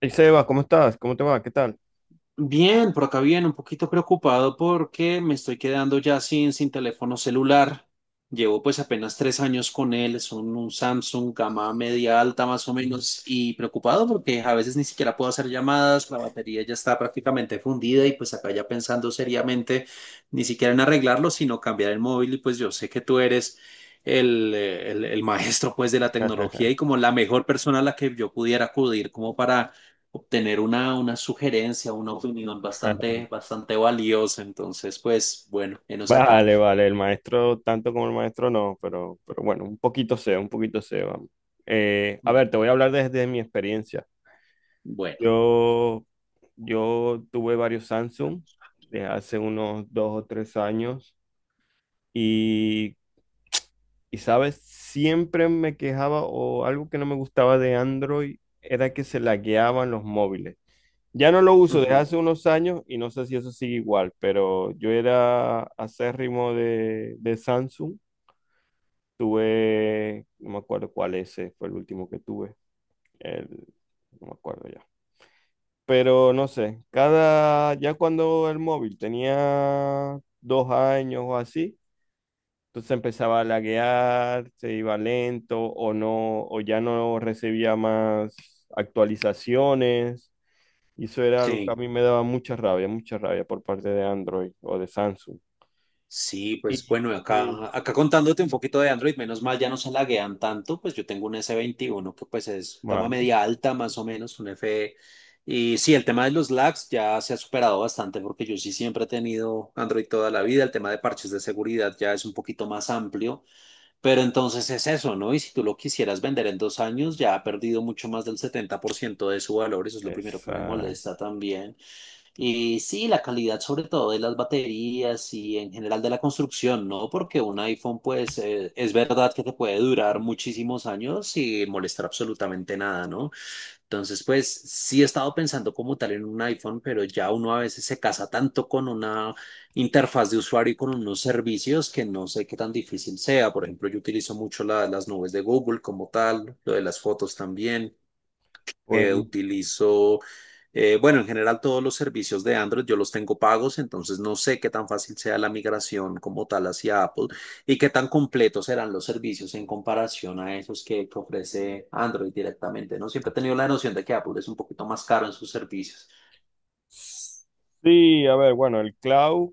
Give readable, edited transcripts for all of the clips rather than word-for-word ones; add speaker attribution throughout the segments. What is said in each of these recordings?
Speaker 1: Hey Seba, ¿cómo estás? ¿Cómo te va? ¿Qué tal?
Speaker 2: Bien, por acá bien, un poquito preocupado porque me estoy quedando ya sin teléfono celular. Llevo pues apenas 3 años con él, es un Samsung gama media alta más o menos y preocupado porque a veces ni siquiera puedo hacer llamadas, la batería ya está prácticamente fundida y pues acá ya pensando seriamente ni siquiera en arreglarlo, sino cambiar el móvil y pues yo sé que tú eres el maestro pues de la tecnología y como la mejor persona a la que yo pudiera acudir como para obtener una sugerencia, una opinión bastante valiosa. Entonces, pues bueno, enos acá.
Speaker 1: Vale, vale, el maestro, tanto como el maestro, no, pero bueno, un poquito sé, vamos. A ver, te voy a hablar desde mi experiencia.
Speaker 2: Bueno,
Speaker 1: Yo, yo tuve varios Samsung de hace unos dos o tres años y, y, ¿sabes? Siempre me quejaba o algo que no me gustaba de Android era que se lagueaban los móviles. Ya no lo uso desde
Speaker 2: ujú,
Speaker 1: hace unos años y no sé si eso sigue igual, pero yo era acérrimo de Samsung. Tuve, no me acuerdo cuál ese fue el último que tuve. El, no me acuerdo ya. Pero no sé, cada, ya cuando el móvil tenía dos años o así, entonces empezaba a laguear, se iba lento o no, o ya no recibía más actualizaciones. Y eso era algo que a
Speaker 2: sí.
Speaker 1: mí me daba mucha rabia por parte de Android o de Samsung.
Speaker 2: Sí, pues
Speaker 1: Y...
Speaker 2: bueno,
Speaker 1: Sí.
Speaker 2: acá contándote un poquito de Android, menos mal ya no se laguean tanto, pues yo tengo un s 21 que pues es gama
Speaker 1: Vale,
Speaker 2: media alta más o menos, un F. Y sí, el tema de los lags ya se ha superado bastante porque yo sí siempre he tenido Android toda la vida, el tema de parches de seguridad ya es un poquito más amplio. Pero entonces es eso, ¿no? Y si tú lo quisieras vender en 2 años, ya ha perdido mucho más del 70% de su valor, eso es lo primero que me
Speaker 1: exacto.
Speaker 2: molesta también. Y sí, la calidad sobre todo de las baterías y en general de la construcción, ¿no? Porque un iPhone, pues, es verdad que te puede durar muchísimos años sin molestar absolutamente nada, ¿no? Entonces, pues sí he estado pensando como tal en un iPhone, pero ya uno a veces se casa tanto con una interfaz de usuario y con unos servicios que no sé qué tan difícil sea. Por ejemplo, yo utilizo mucho las nubes de Google como tal, lo de las fotos también.
Speaker 1: Pues,
Speaker 2: Utilizo, bueno, en general todos los servicios de Android yo los tengo pagos, entonces no sé qué tan fácil sea la migración como tal hacia Apple y qué tan completos serán los servicios en comparación a esos que ofrece Android directamente, ¿no? Siempre he tenido la noción de que Apple es un poquito más caro en sus servicios.
Speaker 1: sí, a ver, bueno, el cloud,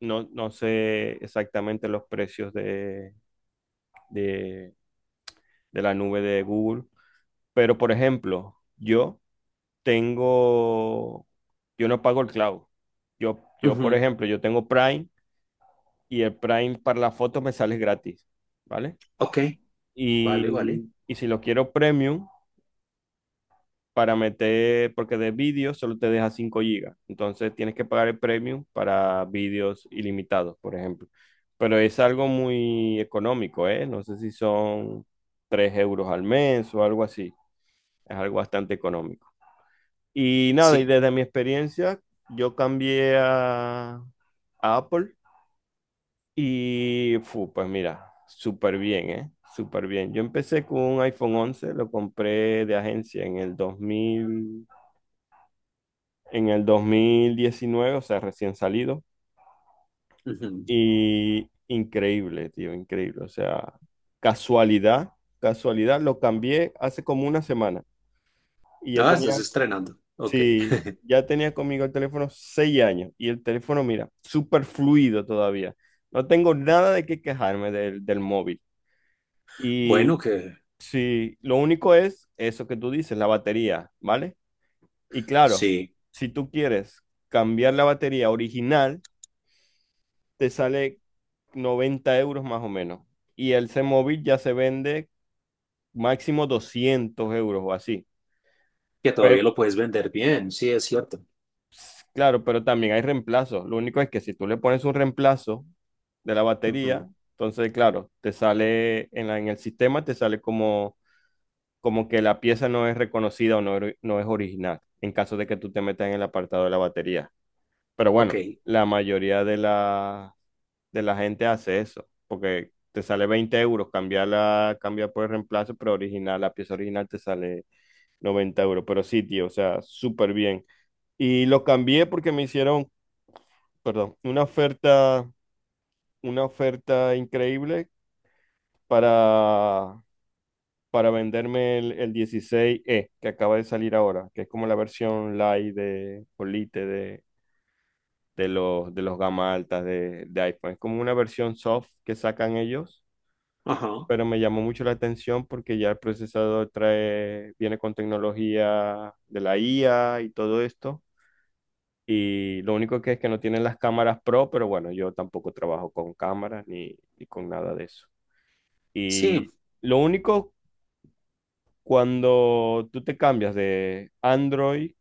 Speaker 1: no, no sé exactamente los precios de, de la nube de Google, pero por ejemplo, yo tengo, yo no pago el cloud. Yo, por
Speaker 2: Ujú.
Speaker 1: ejemplo, yo tengo Prime y el Prime para las fotos me sale gratis, ¿vale?
Speaker 2: Ok,
Speaker 1: Y,
Speaker 2: vale, vale.
Speaker 1: y si lo quiero premium, para meter, porque de vídeo solo te deja 5 gigas. Entonces tienes que pagar el premium para vídeos ilimitados, por ejemplo. Pero es algo muy económico, ¿eh? No sé si son 3 euros al mes o algo así. Es algo bastante económico. Y nada, y
Speaker 2: Sí.
Speaker 1: desde mi experiencia, yo cambié a Apple. Y fu, pues mira, súper bien, ¿eh? Súper bien. Yo empecé con un iPhone 11, lo compré de agencia en el 2019, o sea, recién salido.
Speaker 2: Ujú.
Speaker 1: Y increíble, tío, increíble. O sea, casualidad, casualidad, lo cambié hace como una semana. Y ya
Speaker 2: Ah,
Speaker 1: tenía,
Speaker 2: estás estrenando. Ok.
Speaker 1: sí, ya tenía conmigo el teléfono 6 años. Y el teléfono, mira, súper fluido todavía. No tengo nada de qué quejarme del móvil. Y
Speaker 2: Bueno, que
Speaker 1: sí, lo único es eso que tú dices, la batería, ¿vale? Y claro,
Speaker 2: sí,
Speaker 1: si tú quieres cambiar la batería original, te sale 90 euros más o menos. Y el C-Móvil ya se vende máximo 200 euros o así.
Speaker 2: que todavía
Speaker 1: Pero,
Speaker 2: lo puedes vender bien, sí, es cierto.
Speaker 1: claro, pero también hay reemplazos. Lo único es que si tú le pones un reemplazo de la
Speaker 2: Ujú.
Speaker 1: batería, entonces, claro, te sale en el sistema, te sale como que la pieza no es reconocida o no, no es original, en caso de que tú te metas en el apartado de la batería. Pero
Speaker 2: Ok.
Speaker 1: bueno, la mayoría de la gente hace eso, porque te sale 20 euros, cambiar cambiar por el reemplazo, pero original, la pieza original te sale 90 euros. Pero sí, tío, o sea, súper bien. Y lo cambié porque me hicieron, perdón, una oferta increíble para venderme el 16E que acaba de salir ahora, que es como la versión light de Polite de los gama altas de iPhone. Es como una versión soft que sacan ellos,
Speaker 2: Ajá.
Speaker 1: pero me llamó mucho la atención porque ya el procesador trae, viene con tecnología de la IA y todo esto. Y lo único que es que no tienen las cámaras pro, pero bueno, yo tampoco trabajo con cámaras ni con nada de eso.
Speaker 2: Sí.
Speaker 1: Y lo único, cuando tú te cambias de Android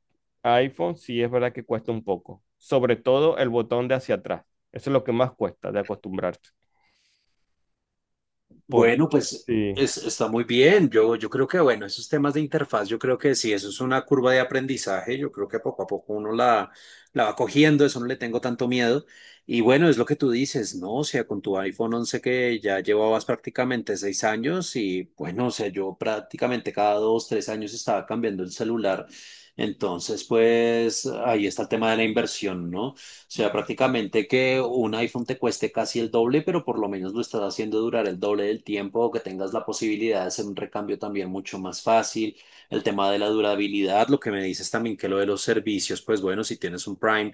Speaker 1: a iPhone, sí es verdad que cuesta un poco. Sobre todo el botón de hacia atrás. Eso es lo que más cuesta de acostumbrarte. Por...
Speaker 2: Bueno, pues
Speaker 1: Sí,
Speaker 2: está muy bien. Yo creo que, bueno, esos temas de interfaz, yo creo que sí. Eso es una curva de aprendizaje, yo creo que poco a poco la va cogiendo, eso no le tengo tanto miedo. Y bueno, es lo que tú dices, ¿no? O sea, con tu iPhone 11 que ya llevabas prácticamente 6 años y bueno, o sea, yo prácticamente cada dos, 3 años estaba cambiando el celular. Entonces, pues ahí está el tema de la inversión, ¿no? Sea, prácticamente que un iPhone te cueste casi el doble, pero por lo menos lo estás haciendo durar el doble del tiempo o que tengas la posibilidad de hacer un recambio también mucho más fácil. El tema de la durabilidad, lo que me dices también que lo de los servicios, pues bueno, si tienes un Prime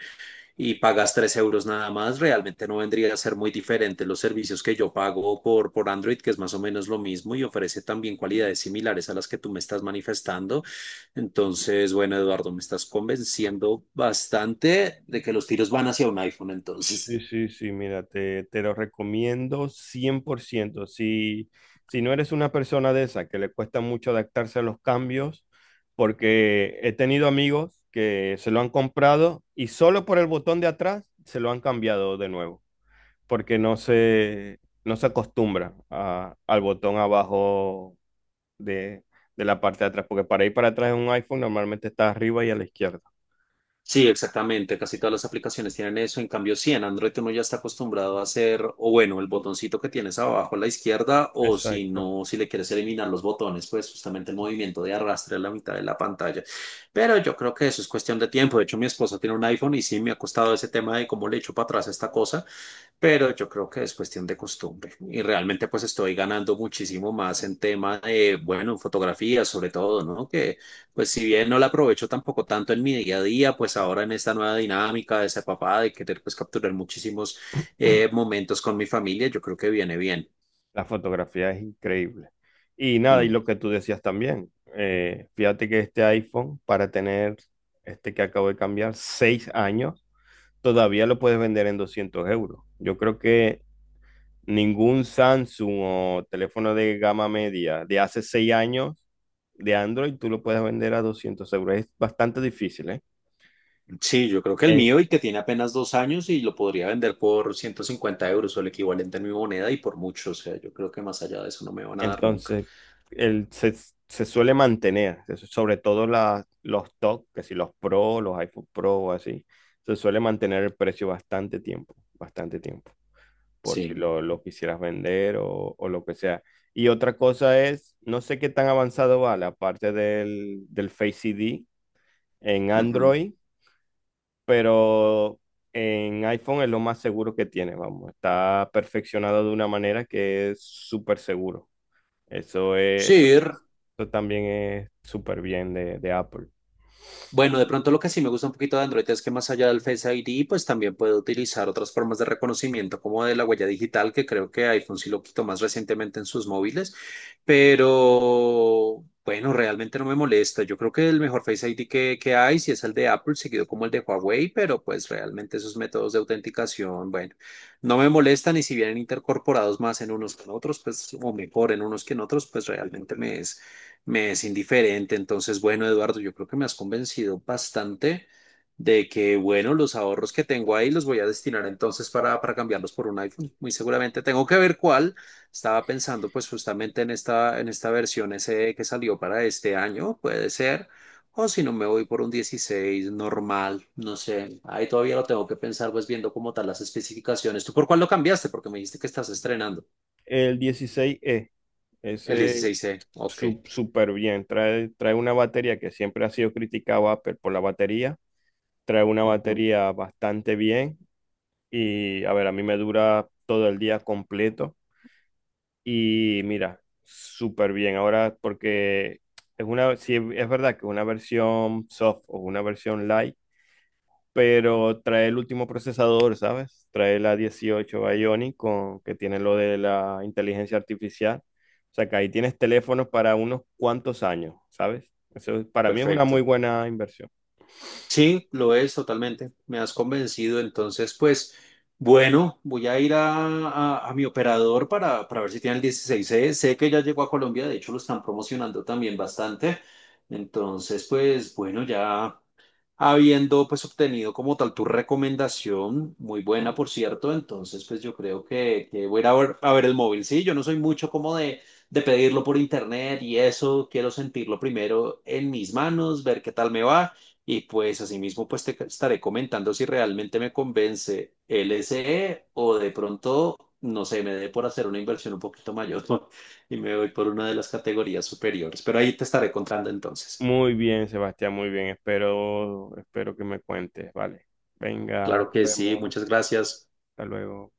Speaker 2: y pagas 3 euros nada más, realmente no vendría a ser muy diferente los servicios que yo pago por Android, que es más o menos lo mismo y ofrece también cualidades similares a las que tú me estás manifestando. Entonces, bueno, Eduardo, me estás convenciendo bastante de que los tiros van hacia un iPhone,
Speaker 1: sí,
Speaker 2: entonces.
Speaker 1: sí, sí, mira, te lo recomiendo 100%. Si, si no eres una persona de esa que le cuesta mucho adaptarse a los cambios, porque he tenido amigos que se lo han comprado y solo por el botón de atrás se lo han cambiado de nuevo. Porque no se acostumbra a- al botón abajo de, de la parte de atrás, porque para ir para atrás en un iPhone normalmente está arriba y a la izquierda.
Speaker 2: Sí, exactamente. Casi todas las aplicaciones tienen eso. En cambio, sí, en Android uno ya está acostumbrado a hacer, o bueno, el botoncito que tienes abajo a la izquierda, o si
Speaker 1: Exacto.
Speaker 2: no, si le quieres eliminar los botones, pues justamente el movimiento de arrastre a la mitad de la pantalla. Pero yo creo que eso es cuestión de tiempo. De hecho, mi esposa tiene un iPhone y sí me ha costado ese tema de cómo le echo para atrás esta cosa, pero yo creo que es cuestión de costumbre y realmente pues estoy ganando muchísimo más en tema de, bueno, en fotografía sobre todo, ¿no? Que pues si bien no la aprovecho tampoco tanto en mi día a día, pues ahora en esta nueva dinámica de ser papá, de querer pues capturar muchísimos momentos con mi familia, yo creo que viene bien.
Speaker 1: La fotografía es increíble. Y nada, y
Speaker 2: Mm.
Speaker 1: lo que tú decías también, fíjate que este iPhone, para tener este que acabo de cambiar, 6 años, todavía lo puedes vender en 200 euros. Yo creo que ningún Samsung o teléfono de gama media de hace 6 años de Android, tú lo puedes vender a 200 euros. Es bastante difícil, ¿eh?
Speaker 2: Sí, yo creo que el mío
Speaker 1: Es-
Speaker 2: y que tiene apenas 2 años y lo podría vender por 150 euros o el equivalente en mi moneda y por mucho, o sea, yo creo que más allá de eso no me van a dar nunca.
Speaker 1: entonces, el, se, se suele mantener, sobre todo los top, que si los Pro, los iPhone Pro o así, se suele mantener el precio bastante tiempo, por si
Speaker 2: Sí.
Speaker 1: lo quisieras vender o lo que sea. Y otra cosa es, no sé qué tan avanzado va la parte del Face ID en
Speaker 2: Ujú.
Speaker 1: Android, pero en iPhone es lo más seguro que tiene, vamos, está perfeccionado de una manera que es súper seguro. Eso es, esto,
Speaker 2: Sí, r-
Speaker 1: Esto también es súper bien de Apple.
Speaker 2: Bueno, de pronto lo que sí me gusta un poquito de Android es que más allá del Face ID, pues también puedo utilizar otras formas de reconocimiento como de la huella digital, que creo que iPhone sí lo quitó más recientemente en sus móviles, pero bueno, realmente no me molesta. Yo creo que el mejor Face ID que hay sí es el de Apple, seguido como el de Huawei, pero pues realmente esos métodos de autenticación, bueno, no me molestan y si vienen intercorporados más en unos que en otros, pues, o mejor en unos que en otros, pues realmente me es indiferente. Entonces, bueno, Eduardo, yo creo que me has convencido bastante de que, bueno, los ahorros que tengo ahí los voy a destinar entonces para cambiarlos por un iPhone. Muy seguramente tengo que ver cuál. Estaba pensando pues justamente en en esta versión SE que salió para este año, puede ser. O si no, me voy por un 16 normal, no sé. Ahí todavía lo tengo que pensar, pues viendo como tal las especificaciones. ¿Tú por cuál lo cambiaste? Porque me dijiste que estás estrenando.
Speaker 1: El 16E,
Speaker 2: El
Speaker 1: ese
Speaker 2: 16. C, ok.
Speaker 1: súper bien, trae, trae una batería que siempre ha sido criticado Apple por la batería, trae una
Speaker 2: Ujú.
Speaker 1: batería bastante bien y, a ver, a mí me dura todo el día completo. Y mira, súper bien. Ahora, porque es una, sí, es verdad que es una versión soft o una versión light, pero trae el último procesador, ¿sabes? Trae la 18 Bionic con, que tiene lo de la inteligencia artificial. O sea que ahí tienes teléfonos para unos cuantos años, ¿sabes? Eso para mí es una muy
Speaker 2: Perfecto.
Speaker 1: buena inversión.
Speaker 2: Sí, lo es totalmente. Me has convencido. Entonces, pues, bueno, voy a ir a mi operador para ver si tiene el 16. C. Sé que ya llegó a Colombia, de hecho lo están promocionando también bastante. Entonces, pues, bueno, ya habiendo pues obtenido como tal tu recomendación, muy buena por cierto, entonces pues yo creo que voy a ir a ver el móvil, sí, yo no soy mucho como de pedirlo por internet y eso, quiero sentirlo primero en mis manos, ver qué tal me va y pues asimismo pues te estaré comentando si realmente me convence el SE o de pronto, no sé, me dé por hacer una inversión un poquito mayor y me voy por una de las categorías superiores, pero ahí te estaré contando entonces.
Speaker 1: Muy bien, Sebastián, muy bien. Espero, espero que me cuentes. Vale. Venga,
Speaker 2: Claro
Speaker 1: nos
Speaker 2: que sí,
Speaker 1: vemos.
Speaker 2: muchas gracias.
Speaker 1: Hasta luego.